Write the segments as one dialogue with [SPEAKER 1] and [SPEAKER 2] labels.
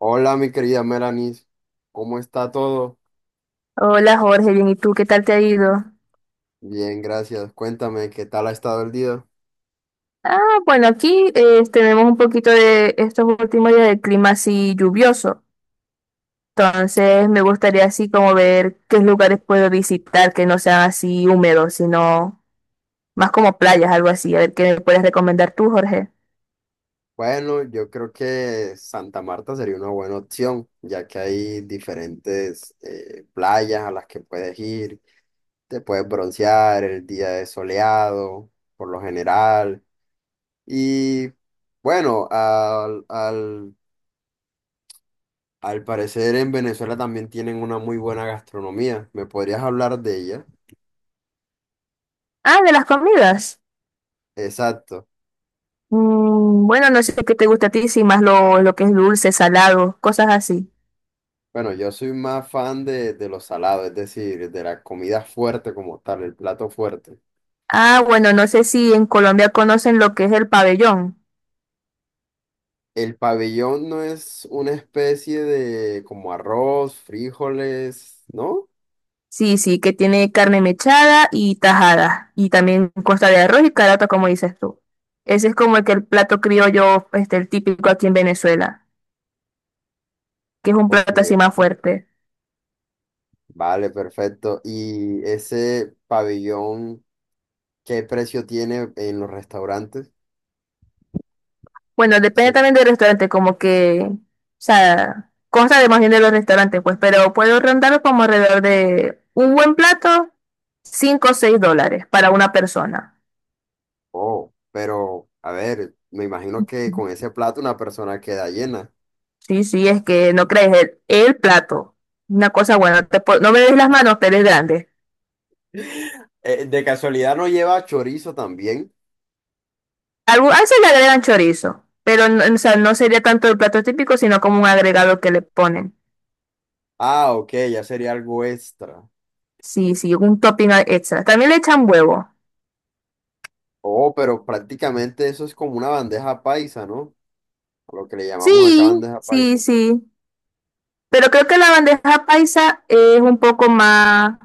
[SPEAKER 1] Hola, mi querida Melanis, ¿cómo está todo?
[SPEAKER 2] Hola Jorge, bien, ¿y tú qué tal te ha ido?
[SPEAKER 1] Bien, gracias. Cuéntame, ¿qué tal ha estado el día?
[SPEAKER 2] Ah, bueno, aquí tenemos un poquito de estos últimos días de clima así lluvioso. Entonces me gustaría así como ver qué lugares puedo visitar que no sean así húmedos, sino más como playas, algo así. A ver qué me puedes recomendar tú, Jorge.
[SPEAKER 1] Bueno, yo creo que Santa Marta sería una buena opción, ya que hay diferentes playas a las que puedes ir, te puedes broncear, el día es soleado, por lo general. Y bueno, al parecer en Venezuela también tienen una muy buena gastronomía. ¿Me podrías hablar de ella?
[SPEAKER 2] Ah, de las comidas.
[SPEAKER 1] Exacto.
[SPEAKER 2] Bueno, no sé qué te gusta a ti, si más lo que es dulce, salado, cosas así.
[SPEAKER 1] Bueno, yo soy más fan de lo salado, es decir, de la comida fuerte como tal, el plato fuerte.
[SPEAKER 2] Ah, bueno, no sé si en Colombia conocen lo que es el pabellón.
[SPEAKER 1] El pabellón no es una especie de como arroz, frijoles, ¿no?
[SPEAKER 2] Sí, sí, que tiene carne mechada y tajada. Y también consta de arroz y caraota, como dices tú. Ese es como el plato criollo, este, el típico aquí en Venezuela, que es un
[SPEAKER 1] Ok,
[SPEAKER 2] plato así más fuerte.
[SPEAKER 1] vale, perfecto. ¿Y ese pabellón, qué precio tiene en los restaurantes?
[SPEAKER 2] Bueno, depende
[SPEAKER 1] Sí.
[SPEAKER 2] también del restaurante, como que, o sea, consta de más bien de los restaurantes, pues, pero puedo rondar como alrededor de un buen plato, 5, o $6 para una persona.
[SPEAKER 1] Oh, pero a ver, me imagino que con ese plato una persona queda llena.
[SPEAKER 2] Sí, sí, es que no crees, el plato, una cosa buena, no me des las manos, pero es grande.
[SPEAKER 1] De casualidad no lleva chorizo también.
[SPEAKER 2] Algo, a veces le agregan chorizo, pero no, o sea, no sería tanto el plato típico, sino como un agregado que le ponen.
[SPEAKER 1] Ah, ok, ya sería algo extra.
[SPEAKER 2] Sí, sí, un topping extra. También le echan huevo.
[SPEAKER 1] Oh, pero prácticamente eso es como una bandeja paisa, ¿no? A lo que le llamamos acá
[SPEAKER 2] Sí,
[SPEAKER 1] bandeja
[SPEAKER 2] sí,
[SPEAKER 1] paisa.
[SPEAKER 2] sí. Pero creo que la bandeja paisa es un poco más...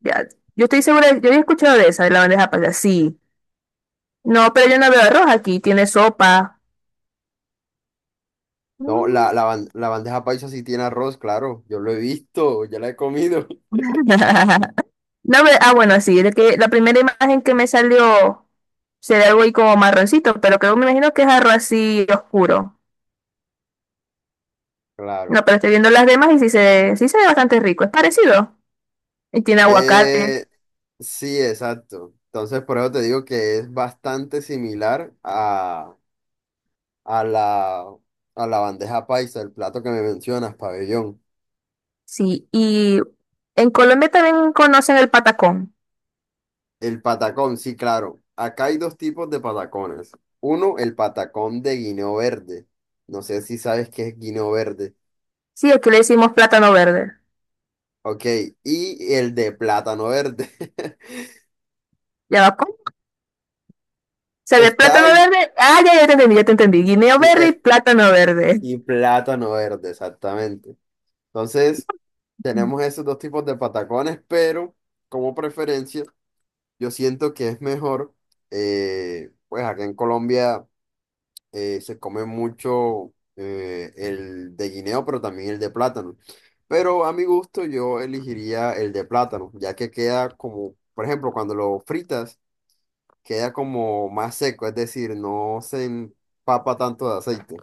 [SPEAKER 2] ya, yo estoy segura, yo había escuchado de esa, de la bandeja paisa. Sí. No, pero yo no veo arroz aquí, tiene sopa.
[SPEAKER 1] No,
[SPEAKER 2] Mm.
[SPEAKER 1] la bandeja paisa sí tiene arroz, claro. Yo lo he visto, ya la he comido.
[SPEAKER 2] No, ah, bueno, sí, es que la primera imagen que me salió sería algo ahí como marroncito, pero creo, me imagino que es arroz así oscuro.
[SPEAKER 1] Claro.
[SPEAKER 2] No, pero estoy viendo las demás y sí se, sí se ve bastante rico. Es parecido. Y tiene aguacate.
[SPEAKER 1] Eh, sí, exacto. Entonces, por eso te digo que es bastante similar a la, a la bandeja paisa, el plato que me mencionas, pabellón.
[SPEAKER 2] Sí. Y en Colombia también conocen el patacón.
[SPEAKER 1] El patacón, sí, claro. Acá hay dos tipos de patacones. Uno, el patacón de guineo verde. No sé si sabes qué es guineo verde.
[SPEAKER 2] Sí, aquí le decimos plátano verde.
[SPEAKER 1] Ok, y el de plátano verde.
[SPEAKER 2] ¿Ya va? ¿Cómo? ¿Se ve
[SPEAKER 1] Está
[SPEAKER 2] plátano
[SPEAKER 1] el...
[SPEAKER 2] verde? Ah, ya, ya te entendí, ya te entendí. Guineo
[SPEAKER 1] sí,
[SPEAKER 2] verde y plátano verde.
[SPEAKER 1] y plátano verde, exactamente. Entonces, tenemos esos dos tipos de patacones, pero como preferencia, yo siento que es mejor, pues acá en Colombia. Se come mucho el de guineo, pero también el de plátano. Pero a mi gusto yo elegiría el de plátano, ya que queda como, por ejemplo, cuando lo fritas, queda como más seco, es decir, no se empapa tanto de aceite.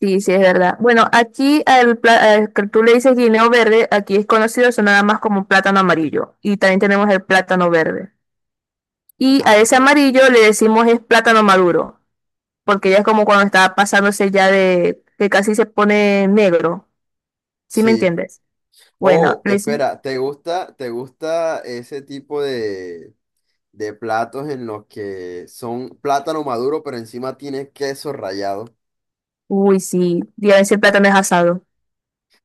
[SPEAKER 2] Sí, sí, es verdad. Bueno, aquí al al que tú le dices guineo verde, aquí es conocido eso nada más como plátano amarillo. Y también tenemos el plátano verde. Y a
[SPEAKER 1] Ah,
[SPEAKER 2] ese
[SPEAKER 1] ok.
[SPEAKER 2] amarillo le decimos es plátano maduro. Porque ya es como cuando está pasándose ya de que casi se pone negro, ¿sí me
[SPEAKER 1] Sí.
[SPEAKER 2] entiendes? Bueno,
[SPEAKER 1] Oh,
[SPEAKER 2] le
[SPEAKER 1] espera, ¿te gusta ese tipo de platos en los que son plátano maduro, pero encima tiene queso rallado?
[SPEAKER 2] uy, sí, día ese plátano es asado.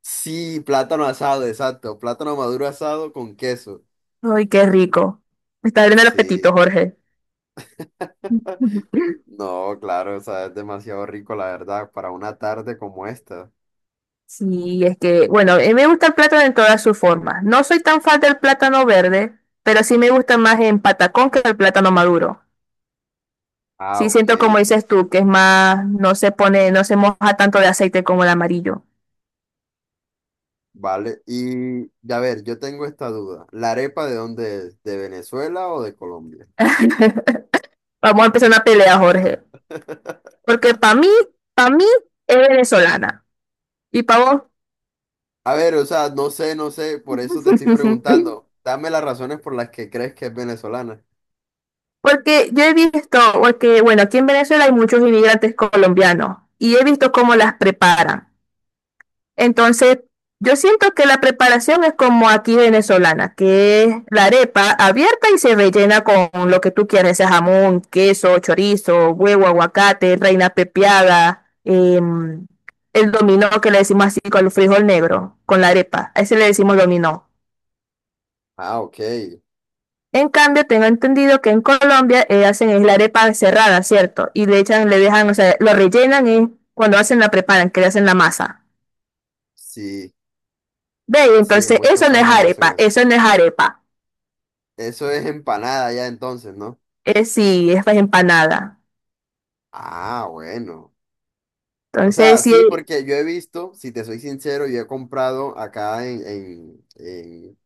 [SPEAKER 1] Sí, plátano asado, exacto. Plátano maduro asado con queso.
[SPEAKER 2] Ay, qué rico. Me está abriendo el apetito,
[SPEAKER 1] Sí.
[SPEAKER 2] Jorge.
[SPEAKER 1] No, claro, o sea, es demasiado rico, la verdad, para una tarde como esta.
[SPEAKER 2] Sí, es que, bueno, a mí me gusta el plátano en todas sus formas. No soy tan fan del plátano verde, pero sí me gusta más en patacón que el plátano maduro.
[SPEAKER 1] Ah,
[SPEAKER 2] Sí siento como
[SPEAKER 1] ok,
[SPEAKER 2] dices tú, que
[SPEAKER 1] perfecto.
[SPEAKER 2] es más, no se pone, no se moja tanto de aceite como el amarillo.
[SPEAKER 1] Vale, y a ver, yo tengo esta duda. ¿La arepa de dónde es? ¿De Venezuela o de Colombia?
[SPEAKER 2] Vamos a empezar una pelea, Jorge. Porque para mí es venezolana. Y para vos.
[SPEAKER 1] A ver, o sea, no sé, no sé, por eso te estoy preguntando. Dame las razones por las que crees que es venezolana.
[SPEAKER 2] Porque yo he visto, porque bueno, aquí en Venezuela hay muchos inmigrantes colombianos y he visto cómo las preparan. Entonces, yo siento que la preparación es como aquí venezolana, que es la arepa abierta y se rellena con lo que tú quieras, sea jamón, queso, chorizo, huevo, aguacate, reina pepiada, el dominó que le decimos así con el frijol negro, con la arepa. A ese le decimos dominó.
[SPEAKER 1] Ah, ok.
[SPEAKER 2] En cambio, tengo entendido que en Colombia hacen es la arepa cerrada, ¿cierto? Y le echan, le dejan, o sea, lo rellenan y cuando hacen la preparan, que le hacen la masa.
[SPEAKER 1] Sí,
[SPEAKER 2] Ve,
[SPEAKER 1] sí, en
[SPEAKER 2] entonces
[SPEAKER 1] muchos
[SPEAKER 2] eso no es
[SPEAKER 1] casos la hacen
[SPEAKER 2] arepa,
[SPEAKER 1] así.
[SPEAKER 2] eso no es arepa.
[SPEAKER 1] Eso es empanada ya entonces, ¿no?
[SPEAKER 2] Es sí, es pues, empanada.
[SPEAKER 1] Ah, bueno. O
[SPEAKER 2] Entonces,
[SPEAKER 1] sea, sí,
[SPEAKER 2] sí,
[SPEAKER 1] porque yo he visto, si te soy sincero, yo he comprado acá en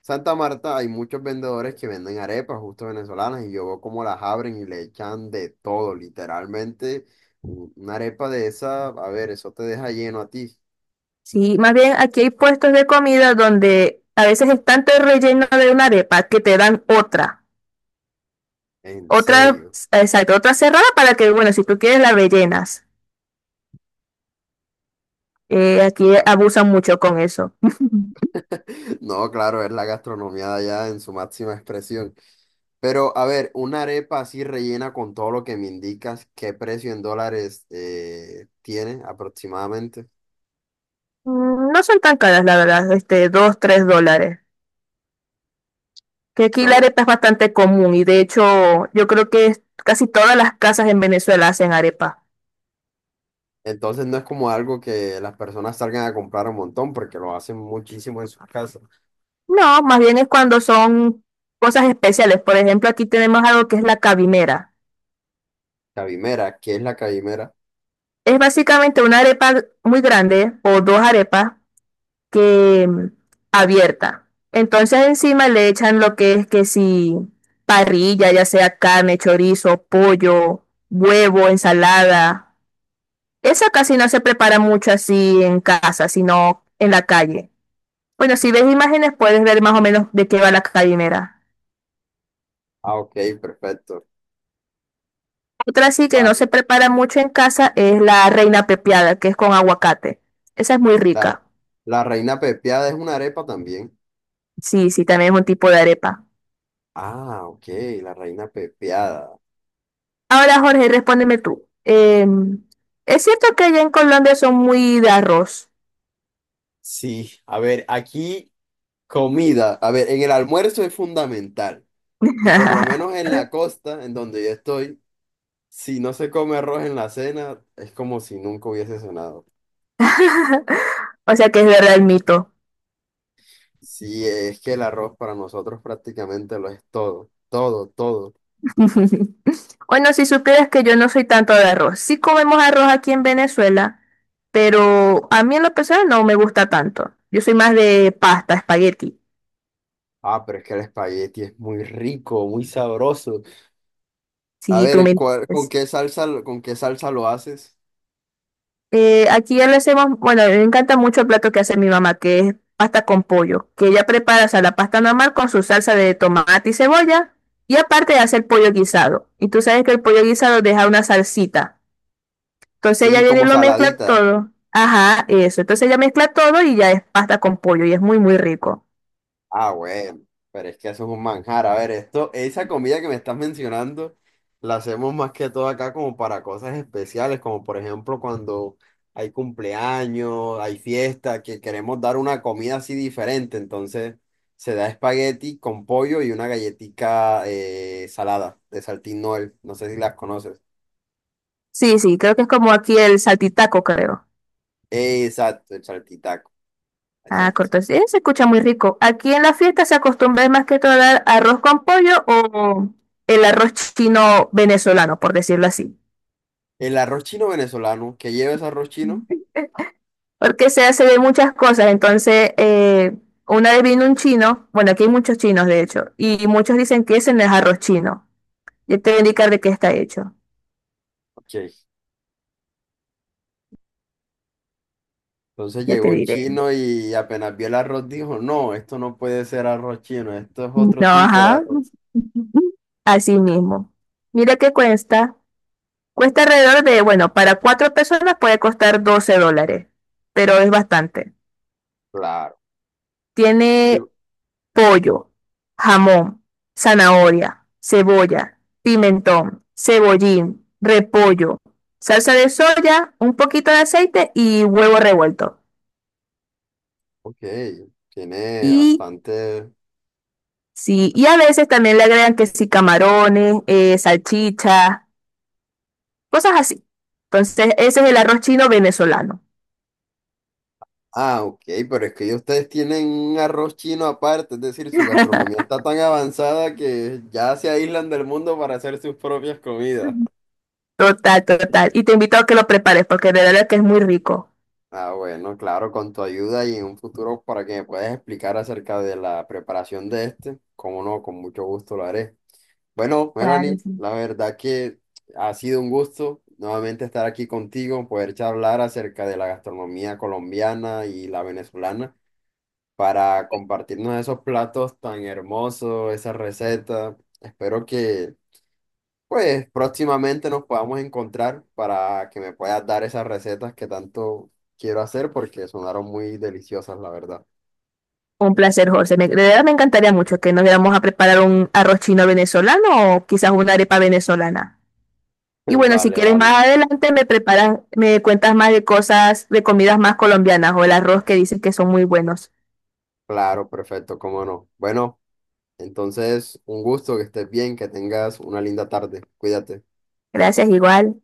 [SPEAKER 1] Santa Marta, hay muchos vendedores que venden arepas justo venezolanas y yo veo cómo las abren y le echan de todo, literalmente. Una arepa de esa, a ver, eso te deja lleno a ti,
[SPEAKER 2] sí, más bien aquí hay puestos de comida donde a veces es tanto el relleno de una arepa que te dan otra.
[SPEAKER 1] en
[SPEAKER 2] Otra,
[SPEAKER 1] serio.
[SPEAKER 2] exacto, otra cerrada para que, bueno, si tú quieres la rellenas. Aquí abusan mucho con eso.
[SPEAKER 1] No, claro, es la gastronomía de allá en su máxima expresión. Pero, a ver, una arepa así rellena con todo lo que me indicas, ¿qué precio en dólares tiene aproximadamente?
[SPEAKER 2] Mm, no son tan caras, la verdad, este, dos, tres dólares. Que aquí la
[SPEAKER 1] Pero,
[SPEAKER 2] arepa es bastante común y de hecho yo creo que casi todas las casas en Venezuela hacen arepa.
[SPEAKER 1] entonces no es como algo que las personas salgan a comprar un montón, porque lo hacen muchísimo en sus casas.
[SPEAKER 2] No, más bien es cuando son cosas especiales. Por ejemplo, aquí tenemos algo que es la cabimera.
[SPEAKER 1] Cabimera, ¿qué es la cabimera?
[SPEAKER 2] Es básicamente una arepa muy grande o dos arepas que abierta. Entonces encima le echan lo que es que si parrilla, ya sea carne, chorizo, pollo, huevo, ensalada. Esa casi no se prepara mucho así en casa, sino en la calle. Bueno, si ves imágenes puedes ver más o menos de qué va la calimera.
[SPEAKER 1] Ah, ok, perfecto.
[SPEAKER 2] Otra sí que no se
[SPEAKER 1] Vale.
[SPEAKER 2] prepara mucho en casa es la reina pepiada, que es con aguacate. Esa es muy
[SPEAKER 1] La,
[SPEAKER 2] rica.
[SPEAKER 1] la reina pepiada es una arepa también.
[SPEAKER 2] Sí, sí, también es un tipo de arepa.
[SPEAKER 1] Ah, ok, la reina pepiada.
[SPEAKER 2] Ahora, Jorge, respóndeme tú. ¿Es cierto que allá en Colombia son muy de arroz?
[SPEAKER 1] Sí, a ver, aquí comida. A ver, en el almuerzo es fundamental. Y por lo menos en la costa, en donde yo estoy, si no se come arroz en la cena, es como si nunca hubiese cenado.
[SPEAKER 2] O sea que es verdad el mito.
[SPEAKER 1] Si es que el arroz para nosotros prácticamente lo es todo, todo, todo.
[SPEAKER 2] Bueno, si supieras que yo no soy tanto de arroz. Sí comemos arroz aquí en Venezuela, pero a mí en lo personal no me gusta tanto. Yo soy más de pasta, espagueti,
[SPEAKER 1] Ah, pero es que el espagueti es muy rico, muy sabroso. A
[SPEAKER 2] si tú me
[SPEAKER 1] ver,
[SPEAKER 2] entiendes.
[SPEAKER 1] con qué salsa lo haces?
[SPEAKER 2] Aquí ya lo hacemos, bueno, me encanta mucho el plato que hace mi mamá, que es pasta con pollo, que ella prepara, o sea, la pasta normal con su salsa de tomate y cebolla, y aparte hace el pollo guisado. Y tú sabes que el pollo guisado deja una salsita. Entonces ella
[SPEAKER 1] Sí,
[SPEAKER 2] viene y
[SPEAKER 1] como
[SPEAKER 2] lo mezcla
[SPEAKER 1] saladita.
[SPEAKER 2] todo. Ajá, eso. Entonces ella mezcla todo y ya es pasta con pollo y es muy, muy rico.
[SPEAKER 1] Ah, bueno, pero es que eso es un manjar. A ver, esto, esa comida que me estás mencionando, la hacemos más que todo acá como para cosas especiales, como por ejemplo cuando hay cumpleaños, hay fiesta, que queremos dar una comida así diferente. Entonces se da espagueti con pollo y una galletica salada de Saltín Noel. No sé si las conoces.
[SPEAKER 2] Sí, sí, creo que es como aquí el saltitaco, creo.
[SPEAKER 1] Exacto, el saltitaco,
[SPEAKER 2] Ah,
[SPEAKER 1] exacto.
[SPEAKER 2] corto. Sí, se escucha muy rico. Aquí en la fiesta se acostumbra más que todo a dar arroz con pollo o el arroz chino venezolano, por decirlo así.
[SPEAKER 1] El arroz chino venezolano, que lleva ese arroz chino?
[SPEAKER 2] Porque se hace de muchas cosas. Entonces, una vez vino un chino, bueno, aquí hay muchos chinos de hecho, y muchos dicen que ese no es arroz chino. Yo te voy a indicar de qué está hecho.
[SPEAKER 1] Ok. Entonces
[SPEAKER 2] Ya
[SPEAKER 1] llegó
[SPEAKER 2] te
[SPEAKER 1] un
[SPEAKER 2] diré.
[SPEAKER 1] chino y apenas vio el arroz dijo, no, esto no puede ser arroz chino, esto es otro
[SPEAKER 2] No,
[SPEAKER 1] tipo de
[SPEAKER 2] ajá.
[SPEAKER 1] arroz.
[SPEAKER 2] Así mismo. Mira qué cuesta. Cuesta alrededor de, bueno, para 4 personas puede costar $12, pero es bastante.
[SPEAKER 1] Claro. Y-
[SPEAKER 2] Tiene pollo, jamón, zanahoria, cebolla, pimentón, cebollín, repollo, salsa de soya, un poquito de aceite y huevo revuelto.
[SPEAKER 1] Ok, tiene
[SPEAKER 2] Y
[SPEAKER 1] bastante...
[SPEAKER 2] sí, y a veces también le agregan que sí, camarones, salchichas, cosas así. Entonces, ese es el arroz chino venezolano.
[SPEAKER 1] Ah, ok, pero es que ustedes tienen un arroz chino aparte, es decir, su gastronomía está tan avanzada que ya se aíslan del mundo para hacer sus propias comidas.
[SPEAKER 2] Total, total. Y te invito a que lo prepares porque de verdad que es muy rico.
[SPEAKER 1] Ah, bueno, claro, con tu ayuda y en un futuro para que me puedas explicar acerca de la preparación de este, cómo no, con mucho gusto lo haré. Bueno,
[SPEAKER 2] Claro,
[SPEAKER 1] Melanie,
[SPEAKER 2] sí.
[SPEAKER 1] la verdad que ha sido un gusto nuevamente estar aquí contigo, poder charlar acerca de la gastronomía colombiana y la venezolana para compartirnos esos platos tan hermosos, esas recetas. Espero que pues próximamente nos podamos encontrar para que me puedas dar esas recetas que tanto quiero hacer porque sonaron muy deliciosas, la verdad.
[SPEAKER 2] Un placer, Jorge. De verdad me encantaría mucho que nos viéramos a preparar un arroz chino venezolano o quizás una arepa venezolana. Y bueno, si
[SPEAKER 1] Vale,
[SPEAKER 2] quieres
[SPEAKER 1] vale.
[SPEAKER 2] más adelante me preparas, me cuentas más de cosas, de comidas más colombianas o el arroz que dices que son muy buenos.
[SPEAKER 1] Claro, perfecto, cómo no. Bueno. Entonces, un gusto, que estés bien, que tengas una linda tarde. Cuídate.
[SPEAKER 2] Gracias, igual.